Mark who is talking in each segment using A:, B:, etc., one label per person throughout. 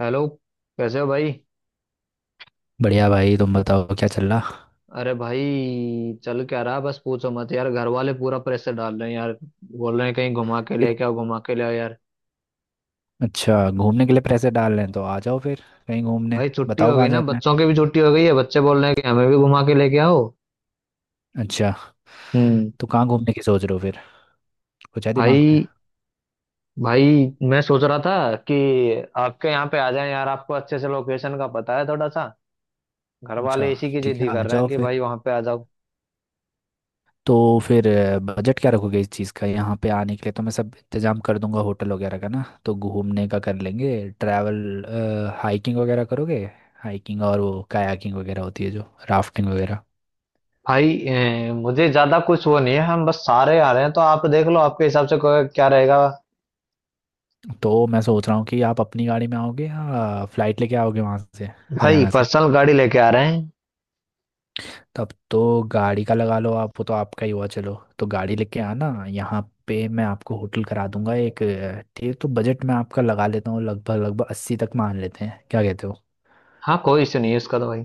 A: Hello. कैसे हो भाई?
B: बढ़िया भाई। तुम बताओ क्या चल रहा।
A: अरे भाई चल क्या रहा है? बस पूछो मत यार, घर वाले पूरा प्रेशर डाल रहे हैं यार। बोल रहे हैं कहीं घुमा के
B: इत-
A: लेके आओ, घुमा के ले आओ यार।
B: अच्छा, घूमने के लिए पैसे डाल रहे हैं तो आ जाओ फिर कहीं घूमने।
A: भाई छुट्टी
B: बताओ
A: हो गई
B: कहाँ
A: ना,
B: जाना है।
A: बच्चों की भी छुट्टी हो गई है। बच्चे बोल रहे हैं कि हमें भी घुमा के लेके आओ।
B: अच्छा,
A: हम्म।
B: तो कहाँ घूमने की सोच रहे हो फिर? कुछ है दिमाग में?
A: भाई भाई मैं सोच रहा था कि आपके यहाँ पे आ जाए यार, आपको अच्छे से लोकेशन का पता है थोड़ा सा। घर
B: अच्छा,
A: वाले इसी की जिद
B: ठीक है
A: ही
B: आ
A: कर रहे हैं
B: जाओ
A: कि
B: फिर।
A: भाई वहां पे आ जाओ।
B: तो फिर बजट क्या रखोगे इस चीज़ का? यहाँ पे आने के लिए तो मैं सब इंतजाम कर दूंगा होटल वगैरह का, ना तो घूमने का कर लेंगे ट्रैवल। हाइकिंग वगैरह करोगे? हाइकिंग और वो कायाकिंग वगैरह होती है जो, राफ्टिंग वगैरह।
A: भाई मुझे ज्यादा कुछ वो नहीं है, हम बस सारे आ रहे हैं तो आप देख लो आपके हिसाब से क्या रहेगा।
B: तो मैं सोच रहा हूँ कि आप अपनी गाड़ी में आओगे या फ्लाइट लेके आओगे वहाँ से?
A: भाई
B: हरियाणा से?
A: पर्सनल गाड़ी लेके आ रहे हैं।
B: तब तो गाड़ी का लगा लो आप, वो तो आपका ही हुआ चलो। तो गाड़ी लेके आना, यहाँ पे मैं आपको होटल करा दूंगा एक ठीक। तो बजट मैं आपका लगा लेता हूँ लगभग लगभग अस्सी तक, मान लेते हैं क्या कहते हो?
A: हाँ कोई इशू नहीं है उसका तो भाई।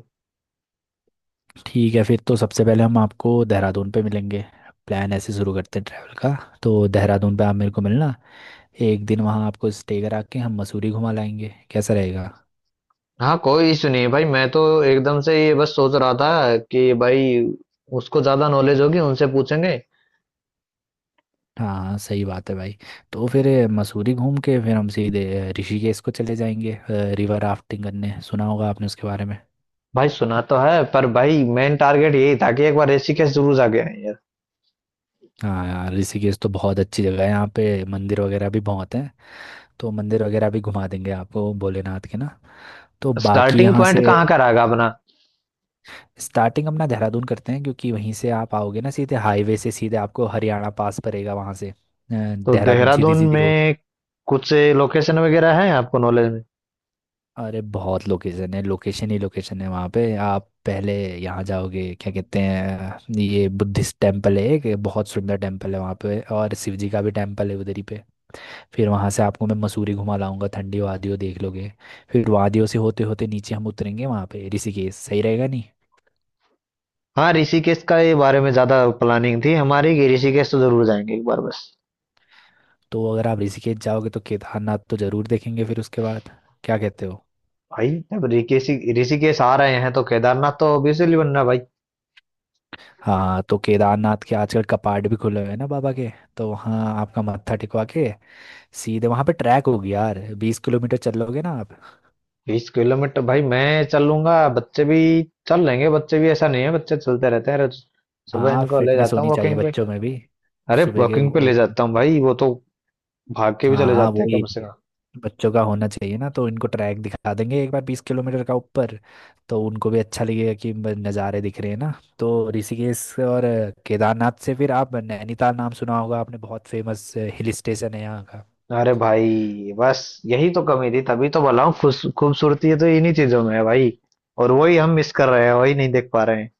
B: ठीक है, फिर तो सबसे पहले हम आपको देहरादून पे मिलेंगे। प्लान ऐसे शुरू करते हैं ट्रैवल का। तो देहरादून पे आप मेरे को मिलना, एक दिन वहाँ आपको स्टे करा के हम मसूरी घुमा लाएंगे, कैसा रहेगा?
A: हाँ कोई इशू नहीं है भाई, मैं तो एकदम से ये बस सोच रहा था कि भाई उसको ज़्यादा नॉलेज होगी, उनसे पूछेंगे।
B: हाँ सही बात है भाई। तो फिर मसूरी घूम के फिर हम सीधे ऋषिकेश को चले जाएंगे रिवर राफ्टिंग करने। सुना होगा आपने उसके बारे में।
A: भाई सुना तो है, पर भाई मेन टारगेट यही था कि एक बार ऋषिकेश जरूर जाके आए यार।
B: हाँ यार, ऋषिकेश तो बहुत अच्छी जगह है, यहाँ पे मंदिर वगैरह भी बहुत हैं। तो मंदिर वगैरह भी घुमा देंगे आपको भोलेनाथ के ना। तो बाकी
A: स्टार्टिंग
B: यहाँ से
A: पॉइंट कहाँ का रहेगा अपना?
B: स्टार्टिंग अपना देहरादून करते हैं, क्योंकि वहीं से आप आओगे ना, सीधे हाईवे से सीधे आपको हरियाणा पास पड़ेगा, वहाँ से
A: तो
B: देहरादून सीधी
A: देहरादून
B: सीधी रोड।
A: में कुछ लोकेशन वगैरह है आपको नॉलेज में?
B: अरे बहुत लोकेशन है, लोकेशन ही लोकेशन है वहाँ पे। आप पहले यहाँ जाओगे, क्या कहते हैं ये बुद्धिस्ट टेम्पल है, एक बहुत सुंदर टेम्पल है वहाँ पे, और शिव जी का भी टेम्पल है उधर ही पे। फिर वहाँ से आपको मैं मसूरी घुमा लाऊंगा, ठंडी वादियों देख लोगे। फिर वादियों से होते होते नीचे हम उतरेंगे वहाँ पे ऋषिकेश, सही रहेगा नहीं?
A: हाँ ऋषिकेश का ये बारे में ज्यादा प्लानिंग थी हमारी कि ऋषिकेश तो जरूर जाएंगे एक बार बस।
B: तो अगर आप ऋषिकेश जाओगे तो केदारनाथ तो ज़रूर देखेंगे फिर उसके बाद, क्या कहते हो?
A: भाई जब ऋषिकेश ऋषिकेश आ रहे हैं तो केदारनाथ तो ऑब्वियसली बनना है भाई।
B: हाँ तो केदारनाथ के आजकल कपाट भी खुले हुए हैं ना बाबा के। तो वहाँ आपका मत्था टिकवा के सीधे वहाँ पे ट्रैक होगी यार, 20 किलोमीटर चल लोगे ना आप?
A: 20 किलोमीटर भाई मैं चल लूंगा। बच्चे भी चल लेंगे, बच्चे भी ऐसा नहीं है, बच्चे चलते रहते हैं रोज। सुबह
B: हाँ
A: इनको ले
B: फिटनेस
A: जाता हूँ
B: होनी चाहिए
A: वॉकिंग पे।
B: बच्चों में भी।
A: अरे
B: सुबह के
A: वॉकिंग पे
B: वो।
A: ले जाता हूँ भाई, वो तो भाग के भी चले
B: हाँ
A: जाते हैं
B: वही,
A: कम से कम।
B: बच्चों का होना चाहिए ना। तो इनको ट्रैक दिखा देंगे एक बार 20 किलोमीटर का ऊपर। तो उनको भी अच्छा लगेगा कि नज़ारे दिख रहे हैं ना। तो ऋषिकेश और केदारनाथ से फिर आप नैनीताल, नाम सुना होगा आपने, बहुत फेमस हिल स्टेशन है यहाँ का।
A: अरे भाई बस यही तो कमी थी, तभी तो बोला हूँ खुश, खूबसूरती है तो इन्हीं चीजों में है भाई। और वही हम मिस कर रहे हैं, वही नहीं देख पा रहे हैं।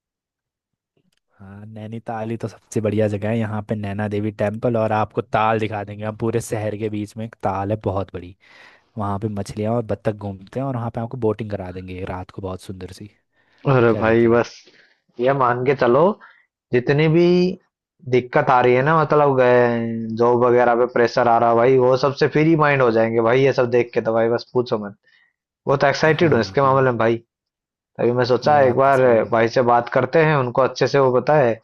B: हाँ नैनीताल ही तो सबसे बढ़िया जगह है यहाँ पे, नैना देवी टेम्पल, और आपको ताल दिखा देंगे हम, पूरे शहर के बीच में एक ताल है बहुत बड़ी। वहाँ पे मछलियाँ और बत्तख घूमते हैं, और वहाँ पे आपको बोटिंग करा देंगे रात को बहुत सुंदर सी,
A: अरे
B: क्या
A: भाई
B: कहते हो?
A: बस ये मान के चलो, जितनी भी दिक्कत आ रही है ना, मतलब गए, जॉब वगैरह पे प्रेशर आ रहा है भाई, वो सबसे फ्री माइंड हो जाएंगे भाई ये सब देख के। तो भाई बस पूछो मत, बहुत एक्साइटेड हूँ
B: हाँ
A: इसके
B: ये
A: मामले
B: बात,
A: में भाई। तभी मैं सोचा
B: ये
A: एक
B: बात तो
A: बार
B: सही है।
A: भाई से बात करते हैं, उनको अच्छे से वो बताए।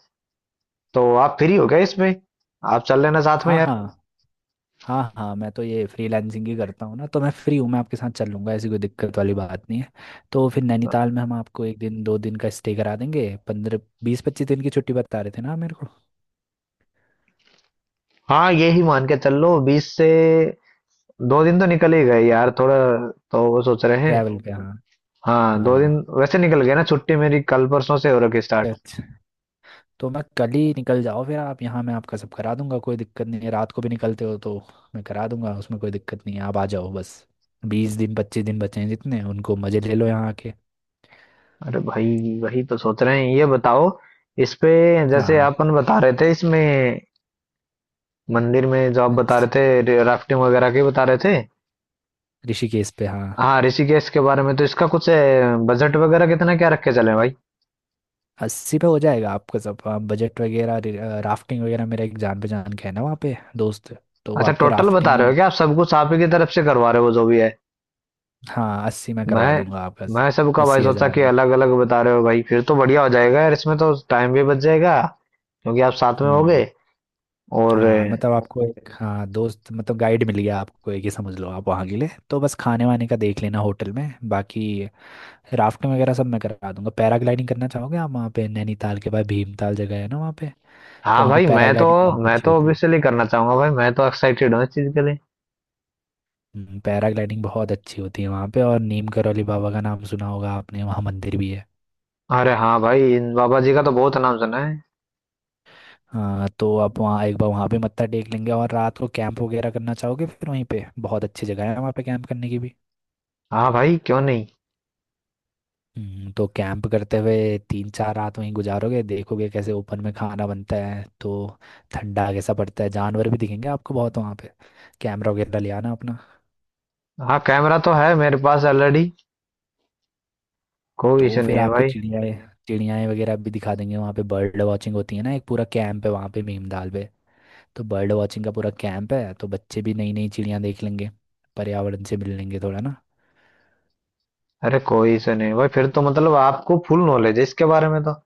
A: तो आप फ्री हो गए इसमें आप चल लेना साथ में
B: हाँ
A: यार।
B: हाँ, हाँ हाँ मैं तो ये फ्रीलांसिंग ही करता हूँ ना, तो मैं फ्री हूँ, मैं आपके साथ चल लूँगा, ऐसी कोई दिक्कत वाली बात नहीं है। तो फिर नैनीताल में हम आपको एक दिन दो दिन का स्टे करा देंगे, 15 20 25 दिन की छुट्टी बता रहे थे ना मेरे को।
A: हाँ ये ही मान के चल लो, 20 से 2 दिन तो निकल ही गए यार थोड़ा, तो वो सोच रहे हैं।
B: ट्रैवल पे ओके हाँ।
A: हाँ 2 दिन
B: हाँ
A: वैसे निकल गए ना, छुट्टी मेरी कल परसों से हो रखी स्टार्ट।
B: अच्छा, तो मैं कल ही निकल जाओ फिर आप यहाँ, मैं आपका सब करा दूंगा कोई दिक्कत नहीं है, रात को भी निकलते हो तो मैं करा दूंगा, उसमें कोई दिक्कत नहीं है, आप आ जाओ बस। 20 दिन 25 दिन बचे हैं जितने, उनको मज़े ले लो यहाँ आके।
A: अरे भाई वही तो सोच रहे हैं, ये बताओ इस पे,
B: हाँ
A: जैसे
B: हाँ,
A: अपन बता रहे थे इसमें मंदिर में जो आप बता
B: ऋषि-
A: रहे थे, राफ्टिंग वगैरह के बता रहे थे।
B: ऋषिकेश पे हाँ।
A: हाँ ऋषिकेश के बारे में तो इसका कुछ बजट वगैरह कितना क्या रख के चले भाई?
B: अस्सी पे हो जाएगा आपका सब, बजट वगैरह राफ्टिंग वगैरह मेरा एक जान पहचान का है ना वहाँ पे दोस्त, तो वो
A: अच्छा
B: आपको
A: टोटल बता
B: राफ्टिंग।
A: रहे हो क्या, आप सब कुछ आप ही की तरफ से करवा रहे हो जो भी है?
B: हाँ अस्सी में करवा
A: मैं
B: दूंगा आपका,
A: मैं सबका भाई
B: अस्सी
A: सोचा
B: हजार
A: कि
B: में।
A: अलग अलग बता रहे हो भाई, फिर तो बढ़िया हो जाएगा यार इसमें, तो टाइम भी बच जाएगा क्योंकि आप साथ में होगे।
B: हम्म।
A: और
B: हाँ मतलब आपको एक हाँ दोस्त मतलब गाइड मिल गया आपको एक ही, समझ लो आप वहाँ के लिए, तो बस खाने वाने का देख लेना होटल में, बाकी राफ्टिंग वगैरह सब मैं करा दूंगा। पैराग्लाइडिंग करना चाहोगे आप? वहाँ पे नैनीताल के बाद भीमताल जगह है ना, वहाँ पे तो
A: हाँ
B: वहाँ पे
A: भाई,
B: पैराग्लाइडिंग बहुत
A: मैं
B: अच्छी
A: तो
B: होती है।
A: ऑब्वियसली करना चाहूंगा भाई, मैं तो एक्साइटेड हूँ इस चीज के लिए।
B: पैराग्लाइडिंग बहुत अच्छी होती है वहाँ पे, और नीम करौली बाबा का नाम सुना होगा आपने, वहाँ मंदिर भी है।
A: अरे हाँ भाई इन बाबा जी का तो बहुत नाम सुना है।
B: हाँ तो आप वहाँ एक बार वहाँ पे मत्था टेक लेंगे और रात को कैंप वगैरह करना चाहोगे? फिर वहीं पे बहुत अच्छी जगह है वहाँ पे कैंप करने की भी।
A: हाँ भाई क्यों नहीं।
B: तो कैंप करते हुए 3 4 रात वहीं गुजारोगे, देखोगे कैसे ओपन में खाना बनता है, तो ठंडा कैसा पड़ता है, जानवर भी दिखेंगे आपको बहुत वहाँ पे। कैमरा वगैरह ले आना अपना।
A: हाँ कैमरा तो है मेरे पास ऑलरेडी, कोई
B: तो
A: इशू
B: फिर
A: नहीं है
B: आपको
A: भाई।
B: चिड़ियाएँ चिड़ियाएँ वगैरह भी दिखा देंगे वहाँ पे, बर्ड वॉचिंग होती है ना, एक पूरा कैंप है वहाँ पे भीमताल पे। तो बर्ड वॉचिंग का पूरा कैंप है, तो बच्चे भी नई नई चिड़ियाँ देख लेंगे, पर्यावरण से मिल लेंगे थोड़ा ना।
A: अरे कोई इशू नहीं है भाई, फिर तो मतलब आपको फुल नॉलेज है इसके बारे में तो।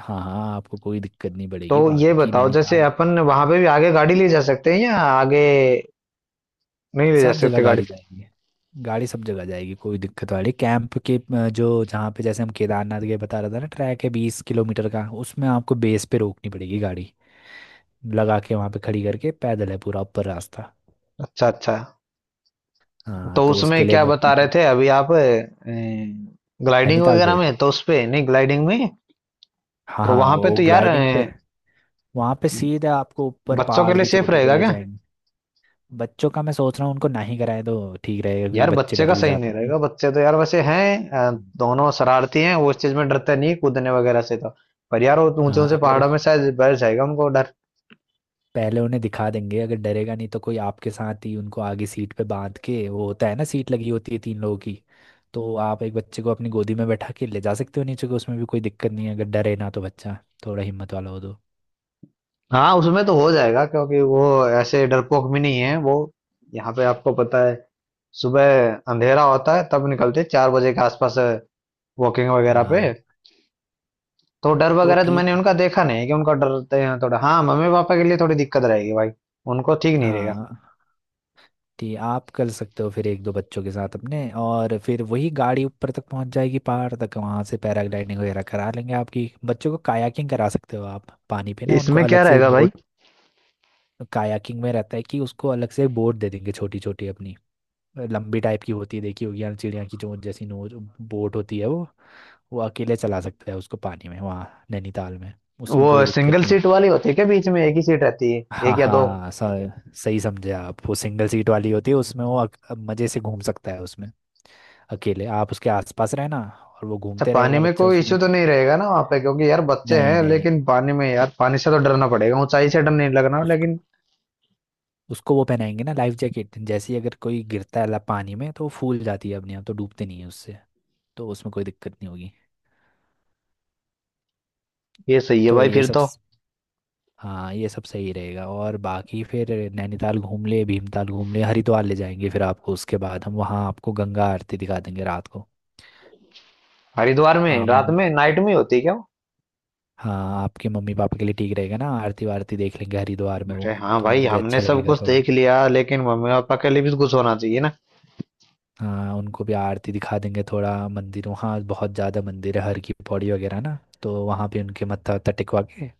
B: हाँ हाँ आपको कोई दिक्कत नहीं
A: तो
B: पड़ेगी
A: ये
B: बाकी
A: बताओ जैसे
B: नैनीताल।
A: अपन वहां पे भी आगे गाड़ी ले जा सकते हैं या आगे नहीं ले जा
B: सब जगह
A: सकते गाड़ी?
B: गाड़ी जाएगी, गाड़ी सब जगह जाएगी, कोई दिक्कत वाली कैंप के जो जहाँ पे जैसे हम केदारनाथ के बता रहा था ना, ट्रैक है 20 किलोमीटर का, उसमें आपको बेस पे रोकनी पड़ेगी गाड़ी, लगा के वहाँ पे खड़ी करके पैदल है पूरा ऊपर रास्ता।
A: अच्छा अच्छा।
B: हाँ
A: तो
B: तो
A: उसमें
B: उसके लिए
A: क्या
B: वो
A: बता रहे थे अभी आप, ग्लाइडिंग
B: नैनीताल
A: वगैरह
B: पे।
A: में? तो उसपे नहीं ग्लाइडिंग में?
B: हाँ
A: तो
B: हाँ
A: वहां पे
B: वो
A: तो यार
B: ग्लाइडिंग पे, वहाँ पे सीधा आपको ऊपर
A: बच्चों के
B: पहाड़
A: लिए
B: की
A: सेफ
B: चोटी पे
A: रहेगा
B: ले
A: क्या?
B: जाएंगे। बच्चों का मैं सोच रहा हूँ उनको ना ही कराए तो ठीक रहेगा, क्योंकि
A: यार
B: बच्चे
A: बच्चे का
B: डर भी
A: सही नहीं
B: जाते हैं ना।
A: रहेगा, बच्चे तो यार वैसे हैं
B: हम्म।
A: दोनों शरारती हैं, वो इस चीज में डरते नहीं कूदने वगैरह से तो। पर यार वो ऊंचे
B: हाँ
A: ऊंचे
B: अगर,
A: पहाड़ों में शायद बैठ जाएगा उनको डर।
B: पहले उन्हें दिखा देंगे, अगर डरेगा नहीं तो कोई आपके साथ ही उनको आगे सीट पे बांध के, वो होता है ना सीट लगी होती है तीन लोगों की। तो आप एक बच्चे को अपनी गोदी में बैठा के ले जा सकते हो नीचे को, उसमें भी कोई दिक्कत नहीं है, अगर डरे ना तो, बच्चा थोड़ा हिम्मत वाला हो तो।
A: हाँ उसमें तो हो जाएगा, क्योंकि वो ऐसे डरपोक भी नहीं है वो। यहाँ पे आपको पता है, सुबह अंधेरा होता है तब निकलते हैं, 4 बजे के आसपास, वॉकिंग वगैरह पे।
B: हाँ।
A: तो डर
B: तो
A: वगैरह तो
B: ठीक
A: मैंने उनका
B: है।
A: देखा नहीं है कि उनका डरते हैं थोड़ा। हाँ मम्मी पापा के लिए थोड़ी दिक्कत रहेगी भाई, उनको ठीक नहीं रहेगा।
B: हाँ कि आप कर सकते हो फिर एक दो बच्चों के साथ अपने, और फिर वही गाड़ी ऊपर तक पहुंच जाएगी पहाड़ तक, वहां से पैराग्लाइडिंग वगैरह करा लेंगे आपकी, बच्चों को कायाकिंग करा सकते हो आप पानी पे ना, उनको
A: इसमें क्या
B: अलग से एक
A: रहेगा भाई?
B: बोट। कायाकिंग में रहता है कि उसको अलग से एक बोट दे देंगे, छोटी छोटी अपनी लंबी टाइप की होती है, देखी होगी यार चिड़िया की चोंच जैसी नोच बोट होती है वो। वो अकेले चला सकता है उसको पानी में वहाँ नैनीताल में, उसमें
A: वो
B: कोई दिक्कत
A: सिंगल
B: नहीं है।
A: सीट वाली होती है क्या, बीच में एक ही सीट रहती है?
B: हाँ
A: एक या दो?
B: हाँ, सही समझे आप, वो सिंगल सीट वाली होती है, उसमें वो मजे से घूम सकता है उसमें, अकेले आप उसके आसपास रहना और वो
A: अच्छा
B: घूमते
A: पानी
B: रहेगा
A: में
B: बच्चा
A: कोई
B: उसमें।
A: इश्यू तो नहीं रहेगा ना वहाँ पे, क्योंकि यार बच्चे
B: नहीं
A: हैं
B: नहीं,
A: लेकिन। पानी में यार पानी से तो डरना पड़ेगा, ऊंचाई से डर नहीं लगना
B: उसको,
A: लेकिन।
B: उसको वो पहनाएंगे ना लाइफ जैकेट, जैसे ही अगर कोई गिरता है पानी में, तो वो फूल जाती है अपने आप, तो डूबते नहीं है उससे, तो उसमें कोई दिक्कत नहीं होगी।
A: ये सही है
B: तो
A: भाई
B: ये
A: फिर
B: सब
A: तो।
B: हाँ, ये सब सही रहेगा और बाकी फिर नैनीताल घूम ले, भीमताल घूम ले, हरिद्वार ले जाएंगे फिर आपको उसके बाद, हम वहाँ आपको गंगा आरती दिखा देंगे रात को।
A: हरिद्वार में
B: आमा,
A: रात में नाइट में होती है क्या वो?
B: हाँ आपके मम्मी पापा के लिए ठीक रहेगा ना, आरती वारती देख लेंगे हरिद्वार में वो।
A: अरे हाँ
B: तो
A: भाई
B: उनको भी
A: हमने
B: अच्छा ठीक
A: सब
B: लगेगा है
A: कुछ
B: थोड़ा।
A: देख लिया, लेकिन मम्मी पापा के लिए भी कुछ होना चाहिए ना।
B: हाँ उनको भी आरती दिखा देंगे, थोड़ा मंदिरों, हाँ बहुत ज़्यादा मंदिर है, हर की पौड़ी वगैरह ना तो वहाँ पे उनके मत्था वत्था टिकवा के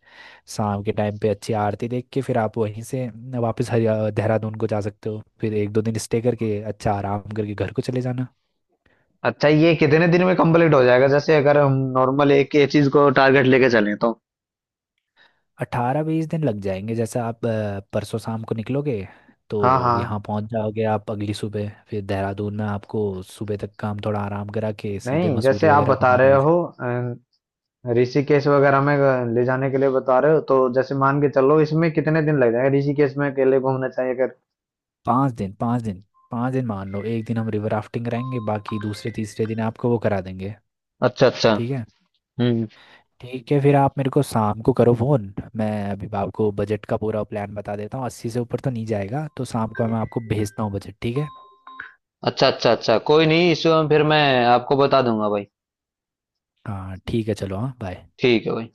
B: शाम के टाइम पे अच्छी आरती देख के, फिर आप वहीं से वापस हरि देहरादून को जा सकते हो, फिर एक दो दिन स्टे करके अच्छा आराम करके घर को चले जाना।
A: अच्छा ये कितने दिन में कंप्लीट हो जाएगा, जैसे अगर हम नॉर्मल एक ही चीज को टारगेट लेके चलें तो?
B: 18 20 दिन लग जाएंगे, जैसे आप परसों शाम को निकलोगे
A: हाँ
B: तो
A: हाँ,
B: यहाँ पहुँच जाओगे आप अगली सुबह, फिर देहरादून में आपको सुबह तक काम थोड़ा आराम करा के सीधे
A: नहीं जैसे
B: मसूरी
A: आप
B: वगैरह
A: बता
B: घुमाने
A: रहे
B: ले
A: हो
B: जाए।
A: अं, ऋषिकेश वगैरह में ले जाने के लिए बता रहे हो, तो जैसे मान के चलो इसमें कितने दिन लग जाएंगे ऋषिकेश में अकेले घूमना चाहिए अगर?
B: 5 दिन 5 दिन, 5 दिन मान लो, एक दिन हम रिवर राफ्टिंग कराएंगे, बाकी दूसरे तीसरे दिन आपको वो करा देंगे।
A: अच्छा अच्छा।
B: ठीक है।
A: हम्म।
B: ठीक है फिर आप मेरे को शाम को करो फ़ोन, मैं अभी आपको बजट का पूरा प्लान बता देता हूँ, अस्सी से ऊपर तो नहीं जाएगा, तो शाम को मैं आपको भेजता हूँ बजट, ठीक है?
A: अच्छा अच्छा अच्छा कोई नहीं इस, फिर मैं आपको बता दूंगा भाई।
B: हाँ ठीक है चलो, हाँ बाय।
A: ठीक है भाई।